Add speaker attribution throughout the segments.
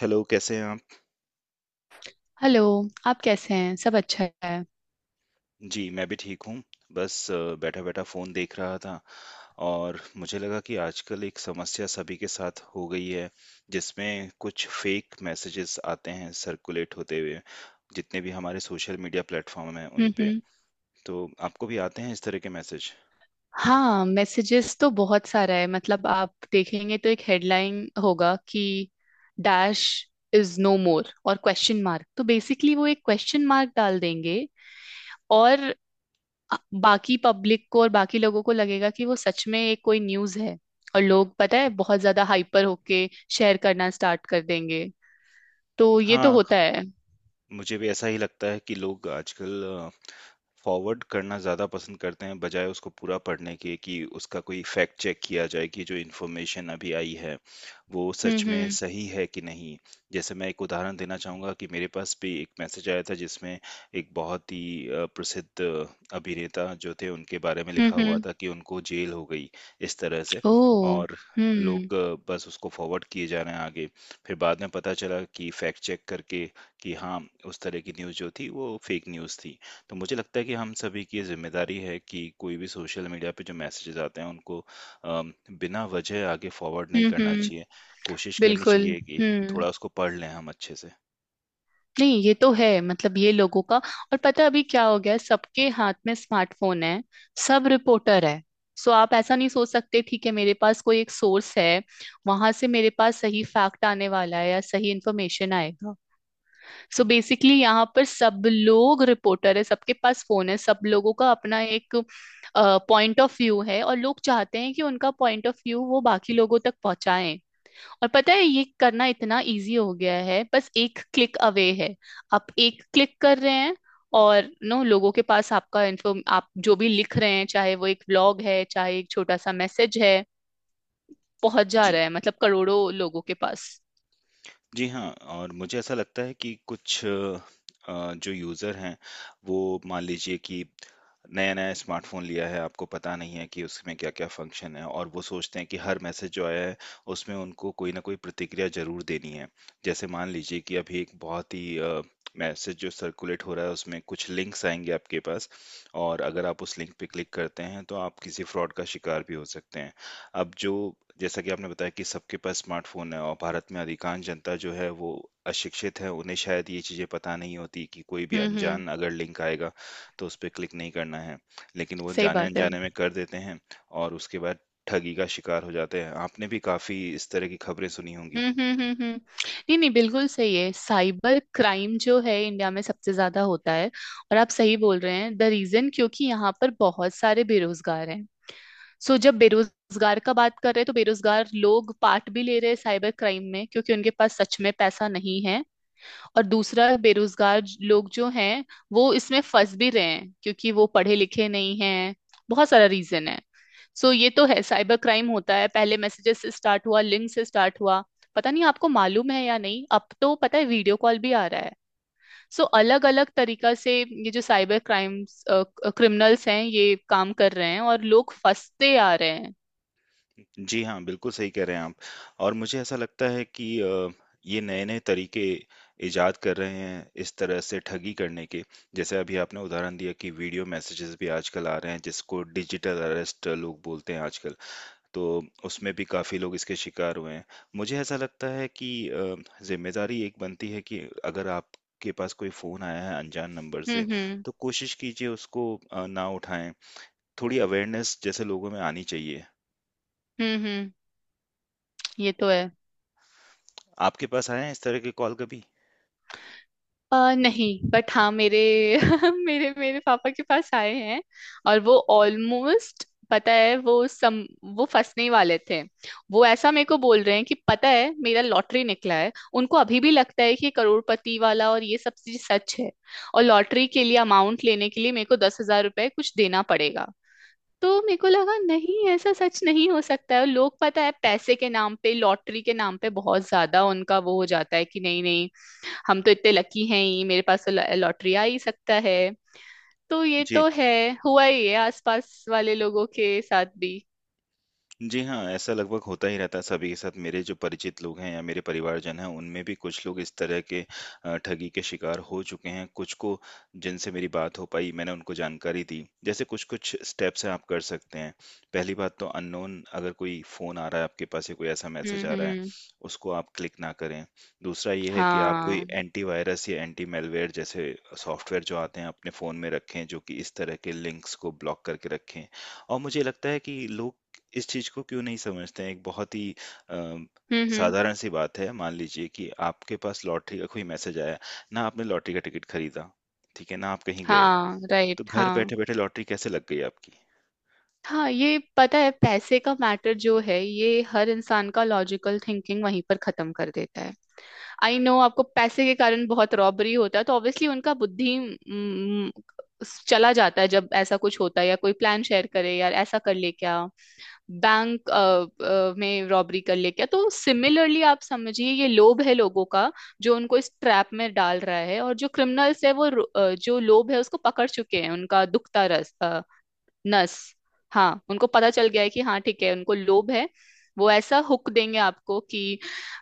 Speaker 1: Hello, कैसे हैं आप?
Speaker 2: हेलो। आप कैसे हैं? सब अच्छा है?
Speaker 1: जी, मैं भी ठीक हूँ। बस बैठा-बैठा फ़ोन देख रहा था और मुझे लगा कि आजकल एक समस्या सभी के साथ हो गई है, जिसमें कुछ फ़ेक मैसेजेस आते हैं सर्कुलेट होते हुए, जितने भी हमारे सोशल मीडिया प्लेटफ़ॉर्म हैं उन
Speaker 2: हम्म।
Speaker 1: पे।
Speaker 2: हम्म।
Speaker 1: तो आपको भी आते हैं इस तरह के मैसेज?
Speaker 2: हाँ, मैसेजेस तो बहुत सारा है, मतलब आप देखेंगे तो एक हेडलाइन होगा कि डैश इज नो मोर और क्वेश्चन मार्क। तो बेसिकली वो एक क्वेश्चन मार्क डाल देंगे, और बाकी पब्लिक को और बाकी लोगों को लगेगा कि वो सच में एक कोई न्यूज़ है। और लोग, पता है, बहुत ज्यादा हाइपर होके शेयर करना स्टार्ट कर देंगे। तो ये तो
Speaker 1: हाँ,
Speaker 2: होता है।
Speaker 1: मुझे भी ऐसा ही लगता है कि लोग आजकल फॉरवर्ड करना ज़्यादा पसंद करते हैं बजाय उसको पूरा पढ़ने के कि उसका कोई फैक्ट चेक किया जाए कि जो इन्फॉर्मेशन अभी आई है वो
Speaker 2: हम्म।
Speaker 1: सच में
Speaker 2: हम्म।
Speaker 1: सही है कि नहीं। जैसे मैं एक उदाहरण देना चाहूँगा कि मेरे पास भी एक मैसेज आया था जिसमें एक बहुत ही प्रसिद्ध अभिनेता जो थे उनके बारे में
Speaker 2: हम्म।
Speaker 1: लिखा हुआ
Speaker 2: हम्म।
Speaker 1: था कि उनको जेल हो गई इस तरह से।
Speaker 2: ओह।
Speaker 1: और
Speaker 2: हम्म।
Speaker 1: लोग बस उसको फॉरवर्ड किए जा रहे हैं आगे। फिर बाद में पता चला कि फैक्ट चेक करके कि हाँ, उस तरह की न्यूज़ जो थी वो फेक न्यूज़ थी। तो मुझे लगता है कि हम सभी की ये जिम्मेदारी है कि कोई भी सोशल मीडिया पे जो मैसेजेस आते हैं उनको अम, बिना वजह आगे फॉरवर्ड नहीं
Speaker 2: हम्म।
Speaker 1: करना
Speaker 2: हम्म।
Speaker 1: चाहिए। कोशिश करनी
Speaker 2: बिल्कुल।
Speaker 1: चाहिए कि
Speaker 2: हम्म।
Speaker 1: थोड़ा उसको पढ़ लें हम अच्छे से।
Speaker 2: नहीं, ये तो है, मतलब ये लोगों का, और पता है अभी क्या हो गया है, सबके हाथ में स्मार्टफोन है। सब रिपोर्टर है। सो आप ऐसा नहीं सोच सकते ठीक है, मेरे पास कोई एक सोर्स है, वहां से मेरे पास सही फैक्ट आने वाला है या सही इंफॉर्मेशन आएगा। सो बेसिकली यहाँ पर सब लोग रिपोर्टर है, सबके पास फोन है, सब लोगों का अपना एक पॉइंट ऑफ व्यू है, और लोग चाहते हैं कि उनका पॉइंट ऑफ व्यू वो बाकी लोगों तक पहुंचाएं। और पता है ये करना इतना इजी हो गया है, बस एक क्लिक अवे है। आप एक क्लिक कर रहे हैं और नो लोगों के पास आपका इन्फॉर्म, आप जो भी लिख रहे हैं, चाहे वो एक ब्लॉग है, चाहे एक छोटा सा मैसेज है, पहुंच जा
Speaker 1: जी।
Speaker 2: रहा है, मतलब करोड़ों लोगों के पास।
Speaker 1: जी हाँ, और मुझे ऐसा लगता है कि कुछ जो यूज़र हैं, वो मान लीजिए कि नया-नया स्मार्टफ़ोन लिया है, आपको पता नहीं है कि उसमें क्या-क्या फ़ंक्शन है और वो सोचते हैं कि हर मैसेज जो आया है, उसमें उनको कोई न कोई प्रतिक्रिया ज़रूर देनी है। जैसे मान लीजिए कि अभी एक बहुत ही मैसेज जो सर्कुलेट हो रहा है, उसमें कुछ लिंक्स आएँगे आपके पास और अगर आप उस लिंक पे क्लिक करते हैं, तो आप किसी फ्रॉड का शिकार भी हो सकते हैं। अब जो जैसा कि आपने बताया कि सबके पास स्मार्टफ़ोन है और भारत में अधिकांश जनता जो है वो अशिक्षित है, उन्हें शायद ये चीज़ें पता नहीं होती कि कोई भी
Speaker 2: हम्म। हम्म।
Speaker 1: अनजान अगर लिंक आएगा, तो उस पे क्लिक नहीं करना है। लेकिन वो
Speaker 2: सही बात है।
Speaker 1: जाने-अनजाने में कर देते हैं और उसके बाद ठगी का शिकार हो जाते हैं। आपने भी काफ़ी इस तरह की खबरें सुनी होंगी।
Speaker 2: हम्म। हम्म। हम्म। हम्म। नहीं नहीं, बिल्कुल सही है। साइबर क्राइम जो है इंडिया में सबसे ज्यादा होता है। और आप सही बोल रहे हैं, द रीजन, क्योंकि यहाँ पर बहुत सारे बेरोजगार हैं। सो जब बेरोजगार का बात कर रहे हैं तो बेरोजगार लोग पार्ट भी ले रहे हैं साइबर क्राइम में, क्योंकि उनके पास सच में पैसा नहीं है। और दूसरा, बेरोजगार लोग जो हैं वो इसमें फंस भी रहे हैं क्योंकि वो पढ़े लिखे नहीं हैं। बहुत सारा रीजन है। सो ये तो है, साइबर क्राइम होता है, पहले मैसेजेस से स्टार्ट हुआ, लिंक से स्टार्ट हुआ। पता नहीं आपको मालूम है या नहीं, अब तो पता है वीडियो कॉल भी आ रहा है। सो अलग अलग तरीका से ये जो साइबर क्राइम्स क्रिमिनल्स हैं ये काम कर रहे हैं और लोग फंसते आ रहे हैं।
Speaker 1: जी हाँ, बिल्कुल सही कह रहे हैं आप। और मुझे ऐसा लगता है कि ये नए-नए तरीके इजाद कर रहे हैं इस तरह से ठगी करने के। जैसे अभी आपने उदाहरण दिया कि वीडियो मैसेजेस भी आजकल आ रहे हैं जिसको डिजिटल अरेस्ट लोग बोलते हैं आजकल, तो उसमें भी काफ़ी लोग इसके शिकार हुए हैं। मुझे ऐसा लगता है कि ज़िम्मेदारी एक बनती है कि अगर आपके पास कोई फ़ोन आया है अनजान नंबर
Speaker 2: हम्म।
Speaker 1: से,
Speaker 2: हम्म।
Speaker 1: तो कोशिश कीजिए उसको ना उठाएँ। थोड़ी अवेयरनेस जैसे लोगों में आनी चाहिए।
Speaker 2: हम्म। हम्म। ये तो है।
Speaker 1: आपके पास आए हैं इस तरह के कॉल कभी?
Speaker 2: नहीं, बट हाँ, मेरे मेरे मेरे पापा के पास आए हैं। और वो ऑलमोस्ट, पता है, वो फंसने ही वाले थे। वो ऐसा मेरे को बोल रहे हैं कि पता है मेरा लॉटरी निकला है। उनको अभी भी लगता है कि करोड़पति वाला और ये सब चीज सच है। और लॉटरी के लिए अमाउंट लेने के लिए मेरे को 10,000 रुपए कुछ देना पड़ेगा। तो मेरे को लगा नहीं, ऐसा सच नहीं हो सकता है। लोग, पता है, पैसे के नाम पे, लॉटरी के नाम पे बहुत ज्यादा उनका वो हो जाता है कि नहीं नहीं, हम तो इतने लकी हैं ही, मेरे पास तो लॉटरी आ ही सकता है। तो ये
Speaker 1: जी।
Speaker 2: तो है, हुआ ही है आसपास वाले लोगों के साथ भी।
Speaker 1: जी हाँ, ऐसा लगभग होता ही रहता है सभी के साथ। मेरे जो परिचित लोग हैं या मेरे परिवारजन हैं, उनमें भी कुछ लोग इस तरह के ठगी के शिकार हो चुके हैं। कुछ को जिनसे मेरी बात हो पाई, मैंने उनको जानकारी दी। जैसे कुछ-कुछ स्टेप्स हैं आप कर सकते हैं। पहली बात तो अननोन अगर कोई फ़ोन आ रहा है आपके पास या कोई ऐसा
Speaker 2: हम्म।
Speaker 1: मैसेज आ
Speaker 2: हम्म।
Speaker 1: रहा है,
Speaker 2: हम्म।
Speaker 1: उसको आप क्लिक ना करें। दूसरा ये है कि आप कोई
Speaker 2: हाँ।
Speaker 1: एंटीवायरस या एंटी मैलवेयर जैसे सॉफ्टवेयर जो आते हैं, अपने फ़ोन में रखें, जो कि इस तरह के लिंक्स को ब्लॉक करके रखें। और मुझे लगता है कि लोग इस चीज को क्यों नहीं समझते हैं। एक बहुत ही अ,
Speaker 2: हम्म। हम्म।
Speaker 1: साधारण सी बात है, मान लीजिए कि आपके पास लॉटरी का कोई मैसेज आया, ना आपने लॉटरी का टिकट खरीदा, ठीक है ना, आप कहीं गए,
Speaker 2: हाँ, राइट,
Speaker 1: तो घर
Speaker 2: हाँ।
Speaker 1: बैठे बैठे लॉटरी कैसे लग गई आपकी।
Speaker 2: हाँ, ये पता है पैसे का मैटर जो है ये हर इंसान का लॉजिकल थिंकिंग वहीं पर खत्म कर देता है। आई नो, आपको पैसे के कारण बहुत रॉबरी होता है, तो ऑब्वियसली उनका बुद्धि चला जाता है। जब ऐसा कुछ होता है या कोई प्लान शेयर करे, यार ऐसा कर ले क्या, बैंक में रॉबरी कर ले क्या, तो सिमिलरली आप समझिए ये लोभ है लोगों का जो उनको इस ट्रैप में डाल रहा है। और जो क्रिमिनल्स है वो जो लोभ है उसको पकड़ चुके हैं, उनका दुखता रस, नस। हाँ, उनको पता चल गया है कि हाँ ठीक है, उनको लोभ है। वो ऐसा हुक देंगे आपको कि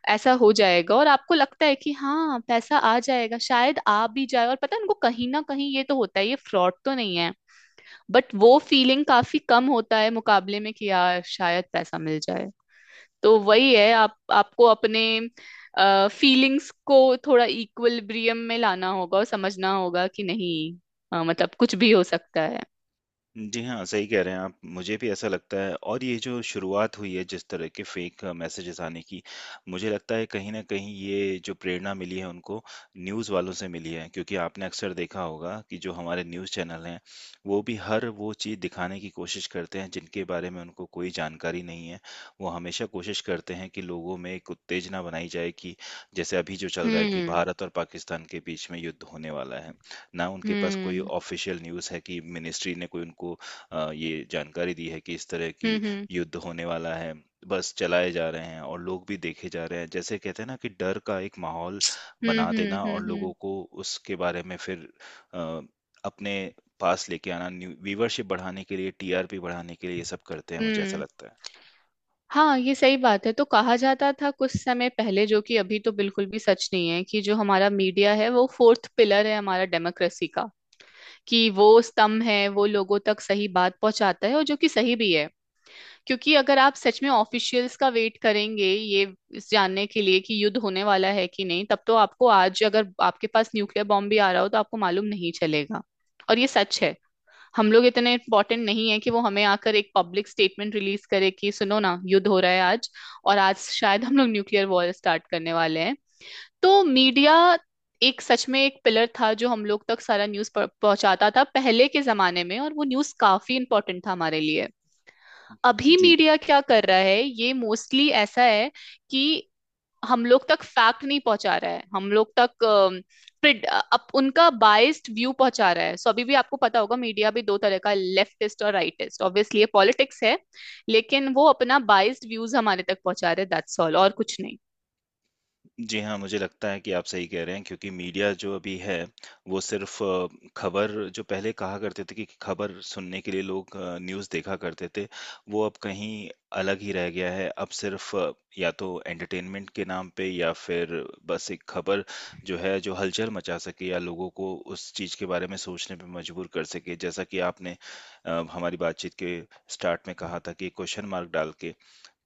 Speaker 2: ऐसा हो जाएगा, और आपको लगता है कि हाँ पैसा आ जाएगा, शायद आ भी जाए। और पता है, उनको कहीं ना कहीं ये तो होता है, ये फ्रॉड तो नहीं है, बट वो फीलिंग काफी कम होता है मुकाबले में कि यार शायद पैसा मिल जाए। तो वही है, आप आपको अपने फीलिंग्स को थोड़ा इक्विलिब्रियम में लाना होगा, और समझना होगा कि नहीं, मतलब कुछ भी हो सकता है।
Speaker 1: जी हाँ, सही कह रहे हैं आप। मुझे भी ऐसा लगता है और ये जो शुरुआत हुई है जिस तरह के फ़ेक मैसेजेज़ आने की, मुझे लगता है कहीं न कहीं ये जो प्रेरणा मिली है उनको न्यूज़ वालों से मिली है। क्योंकि आपने अक्सर देखा होगा कि जो हमारे न्यूज़ चैनल हैं, वो भी हर वो चीज़ दिखाने की कोशिश करते हैं जिनके बारे में उनको कोई जानकारी नहीं है। वो हमेशा कोशिश करते हैं कि लोगों में एक उत्तेजना बनाई जाए कि जैसे अभी जो चल रहा है कि
Speaker 2: हम्म।
Speaker 1: भारत और पाकिस्तान के बीच में युद्ध होने वाला है। ना उनके पास कोई
Speaker 2: हम्म।
Speaker 1: ऑफिशियल न्यूज़ है कि मिनिस्ट्री ने कोई उनको ये जानकारी दी है कि इस तरह की
Speaker 2: हम्म। हम्म।
Speaker 1: युद्ध होने वाला है। बस चलाए जा रहे हैं और लोग भी देखे जा रहे हैं। जैसे कहते हैं ना कि डर का एक माहौल
Speaker 2: हम्म।
Speaker 1: बना देना
Speaker 2: हम्म।
Speaker 1: और
Speaker 2: हम्म।
Speaker 1: लोगों
Speaker 2: हम्म।
Speaker 1: को उसके बारे में फिर अ, अपने पास लेके आना, न्यू व्यूवरशिप बढ़ाने के लिए, टीआरपी बढ़ाने के लिए ये सब करते हैं, मुझे ऐसा
Speaker 2: हम्म।
Speaker 1: लगता है।
Speaker 2: हाँ, ये सही बात है। तो कहा जाता था कुछ समय पहले, जो कि अभी तो बिल्कुल भी सच नहीं है, कि जो हमारा मीडिया है वो फोर्थ पिलर है हमारा डेमोक्रेसी का, कि वो स्तंभ है, वो लोगों तक सही बात पहुंचाता है, और जो कि सही भी है। क्योंकि अगर आप सच में ऑफिशियल्स का वेट करेंगे ये इस जानने के लिए कि युद्ध होने वाला है कि नहीं, तब तो आपको, आज अगर आपके पास न्यूक्लियर बॉम्ब भी आ रहा हो तो आपको मालूम नहीं चलेगा। और ये सच है, हम लोग इतने इम्पोर्टेंट नहीं है कि वो हमें आकर एक पब्लिक स्टेटमेंट रिलीज करे कि सुनो ना, युद्ध हो रहा है आज, और आज शायद हम लोग न्यूक्लियर वॉर स्टार्ट करने वाले हैं। तो मीडिया एक सच में एक पिलर था जो हम लोग तक सारा न्यूज पहुंचाता था पहले के जमाने में, और वो न्यूज काफी इंपॉर्टेंट था हमारे लिए। अभी
Speaker 1: जी।
Speaker 2: मीडिया क्या कर रहा है, ये मोस्टली ऐसा है कि हम लोग तक फैक्ट नहीं पहुंचा रहा है, हम लोग तक प्रिड अप उनका बाइस्ड व्यू पहुंचा रहा है। सो, अभी भी आपको पता होगा मीडिया भी दो तरह का, लेफ्टिस्ट और राइटिस्ट, ऑब्वियसली ये पॉलिटिक्स है, लेकिन वो अपना बाइस्ड व्यूज हमारे तक पहुंचा रहे, दैट्स ऑल, और कुछ नहीं।
Speaker 1: जी हाँ, मुझे लगता है कि आप सही कह रहे हैं क्योंकि मीडिया जो अभी है, वो सिर्फ़ खबर, जो पहले कहा करते थे कि खबर सुनने के लिए लोग न्यूज़ देखा करते थे, वो अब कहीं अलग ही रह गया है। अब सिर्फ़ या तो एंटरटेनमेंट के नाम पे या फिर बस एक खबर जो है, जो हलचल मचा सके या लोगों को उस चीज़ के बारे में सोचने पे मजबूर कर सके। जैसा कि आपने हमारी बातचीत के स्टार्ट में कहा था कि क्वेश्चन मार्क डाल के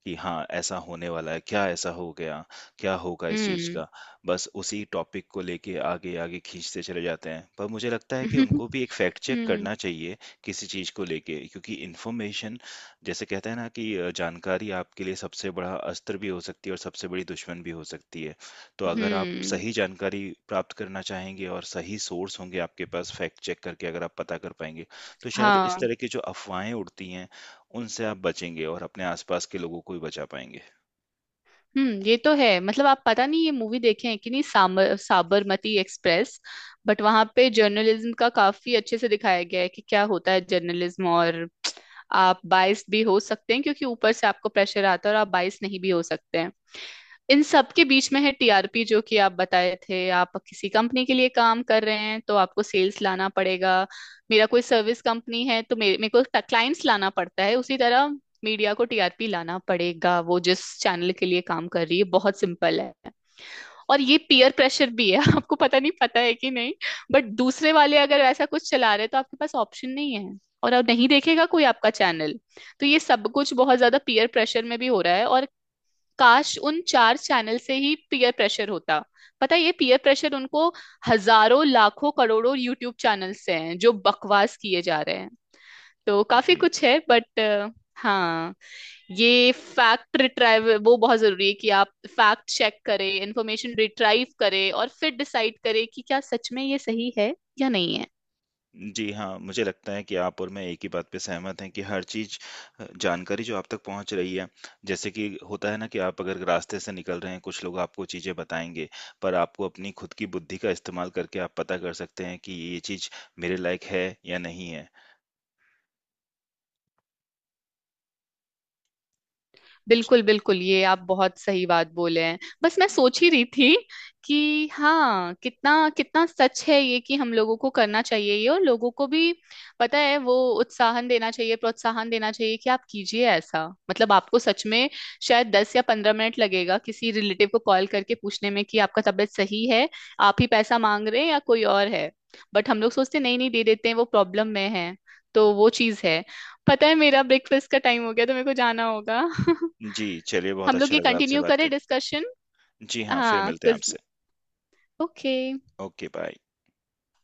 Speaker 1: कि हाँ, ऐसा होने वाला है, क्या ऐसा हो गया? क्या होगा इस चीज़
Speaker 2: हम्म।
Speaker 1: का? बस उसी टॉपिक को लेके आगे-आगे खींचते चले जाते हैं। पर मुझे लगता है कि उनको भी एक फैक्ट चेक
Speaker 2: हम्म।
Speaker 1: करना चाहिए किसी चीज़ को लेके, क्योंकि इन्फॉर्मेशन, जैसे कहते हैं ना कि जानकारी आपके लिए सबसे बड़ा अस्त्र भी हो सकती है और सबसे बड़ी दुश्मन भी हो सकती है। तो अगर आप
Speaker 2: हम्म।
Speaker 1: सही जानकारी प्राप्त करना चाहेंगे और सही सोर्स होंगे आपके पास, फैक्ट चेक करके अगर आप पता कर पाएँगे, तो शायद इस
Speaker 2: हाँ।
Speaker 1: तरह की जो अफ़वाहें उड़ती हैं उनसे आप बचेंगे और अपने आसपास के लोगों को भी बचा पाएँगे।
Speaker 2: हम्म। ये तो है, मतलब आप पता नहीं ये मूवी देखे हैं कि नहीं, सामर साबरमती एक्सप्रेस, बट वहां पे जर्नलिज्म का काफी अच्छे से दिखाया गया है कि क्या होता है जर्नलिज्म। और आप बाइस भी हो सकते हैं क्योंकि ऊपर से आपको प्रेशर आता है, और आप बाइस नहीं भी हो सकते हैं। इन सब के बीच में है टीआरपी, जो कि आप बताए थे, आप किसी कंपनी के लिए काम कर रहे हैं तो आपको सेल्स लाना पड़ेगा। मेरा कोई सर्विस कंपनी है तो मेरे मेरे को क्लाइंट्स लाना पड़ता है, उसी तरह मीडिया को टीआरपी लाना पड़ेगा वो जिस चैनल के लिए काम कर रही है। बहुत सिंपल है। और ये पीयर प्रेशर भी है। आपको पता नहीं पता है कि नहीं, बट दूसरे वाले अगर ऐसा कुछ चला रहे हैं तो आपके पास ऑप्शन नहीं है, और अब नहीं देखेगा कोई आपका चैनल। तो ये सब कुछ बहुत ज्यादा पीयर प्रेशर में भी हो रहा है, और काश उन चार चैनल से ही पीयर प्रेशर होता। पता है ये पीयर प्रेशर उनको हजारों लाखों करोड़ों यूट्यूब चैनल से हैं जो बकवास किए जा रहे हैं। तो काफी
Speaker 1: जी।
Speaker 2: कुछ है बट, हाँ, ये फैक्ट रिट्राइव वो बहुत जरूरी है कि आप फैक्ट चेक करें, इंफॉर्मेशन रिट्राइव करें, और फिर डिसाइड करें कि क्या सच में ये सही है या नहीं है।
Speaker 1: जी हाँ, मुझे लगता है कि आप और मैं एक ही बात पे सहमत हैं कि हर चीज़, जानकारी जो आप तक पहुँच रही है, जैसे कि होता है ना कि आप अगर रास्ते से निकल रहे हैं, कुछ लोग आपको चीज़ें बताएँगे, पर आपको अपनी खुद की बुद्धि का इस्तेमाल करके आप पता कर सकते हैं कि ये चीज़ मेरे लायक है या नहीं है।
Speaker 2: बिल्कुल बिल्कुल, ये आप बहुत सही बात बोले हैं। बस मैं सोच ही रही थी कि हाँ, कितना कितना सच है ये कि हम लोगों को करना चाहिए ये, और लोगों को भी, पता है, वो उत्साहन देना चाहिए, प्रोत्साहन देना चाहिए कि आप कीजिए ऐसा, मतलब आपको सच में शायद 10 या 15 मिनट लगेगा किसी रिलेटिव को कॉल करके पूछने में कि आपका तबीयत सही है, आप ही पैसा मांग रहे हैं या कोई और है, बट हम लोग सोचते हैं, नहीं नहीं दे देते हैं, वो प्रॉब्लम में है। तो वो चीज है। पता है मेरा ब्रेकफास्ट का टाइम हो गया तो मेरे को जाना होगा।
Speaker 1: जी, चलिए बहुत
Speaker 2: हम लोग
Speaker 1: अच्छा
Speaker 2: ये
Speaker 1: लगा आपसे
Speaker 2: कंटिन्यू
Speaker 1: बात
Speaker 2: करें
Speaker 1: करके।
Speaker 2: डिस्कशन।
Speaker 1: जी हाँ, फिर
Speaker 2: हाँ,
Speaker 1: मिलते हैं
Speaker 2: कुछ।
Speaker 1: आपसे।
Speaker 2: ओके।
Speaker 1: Okay, bye.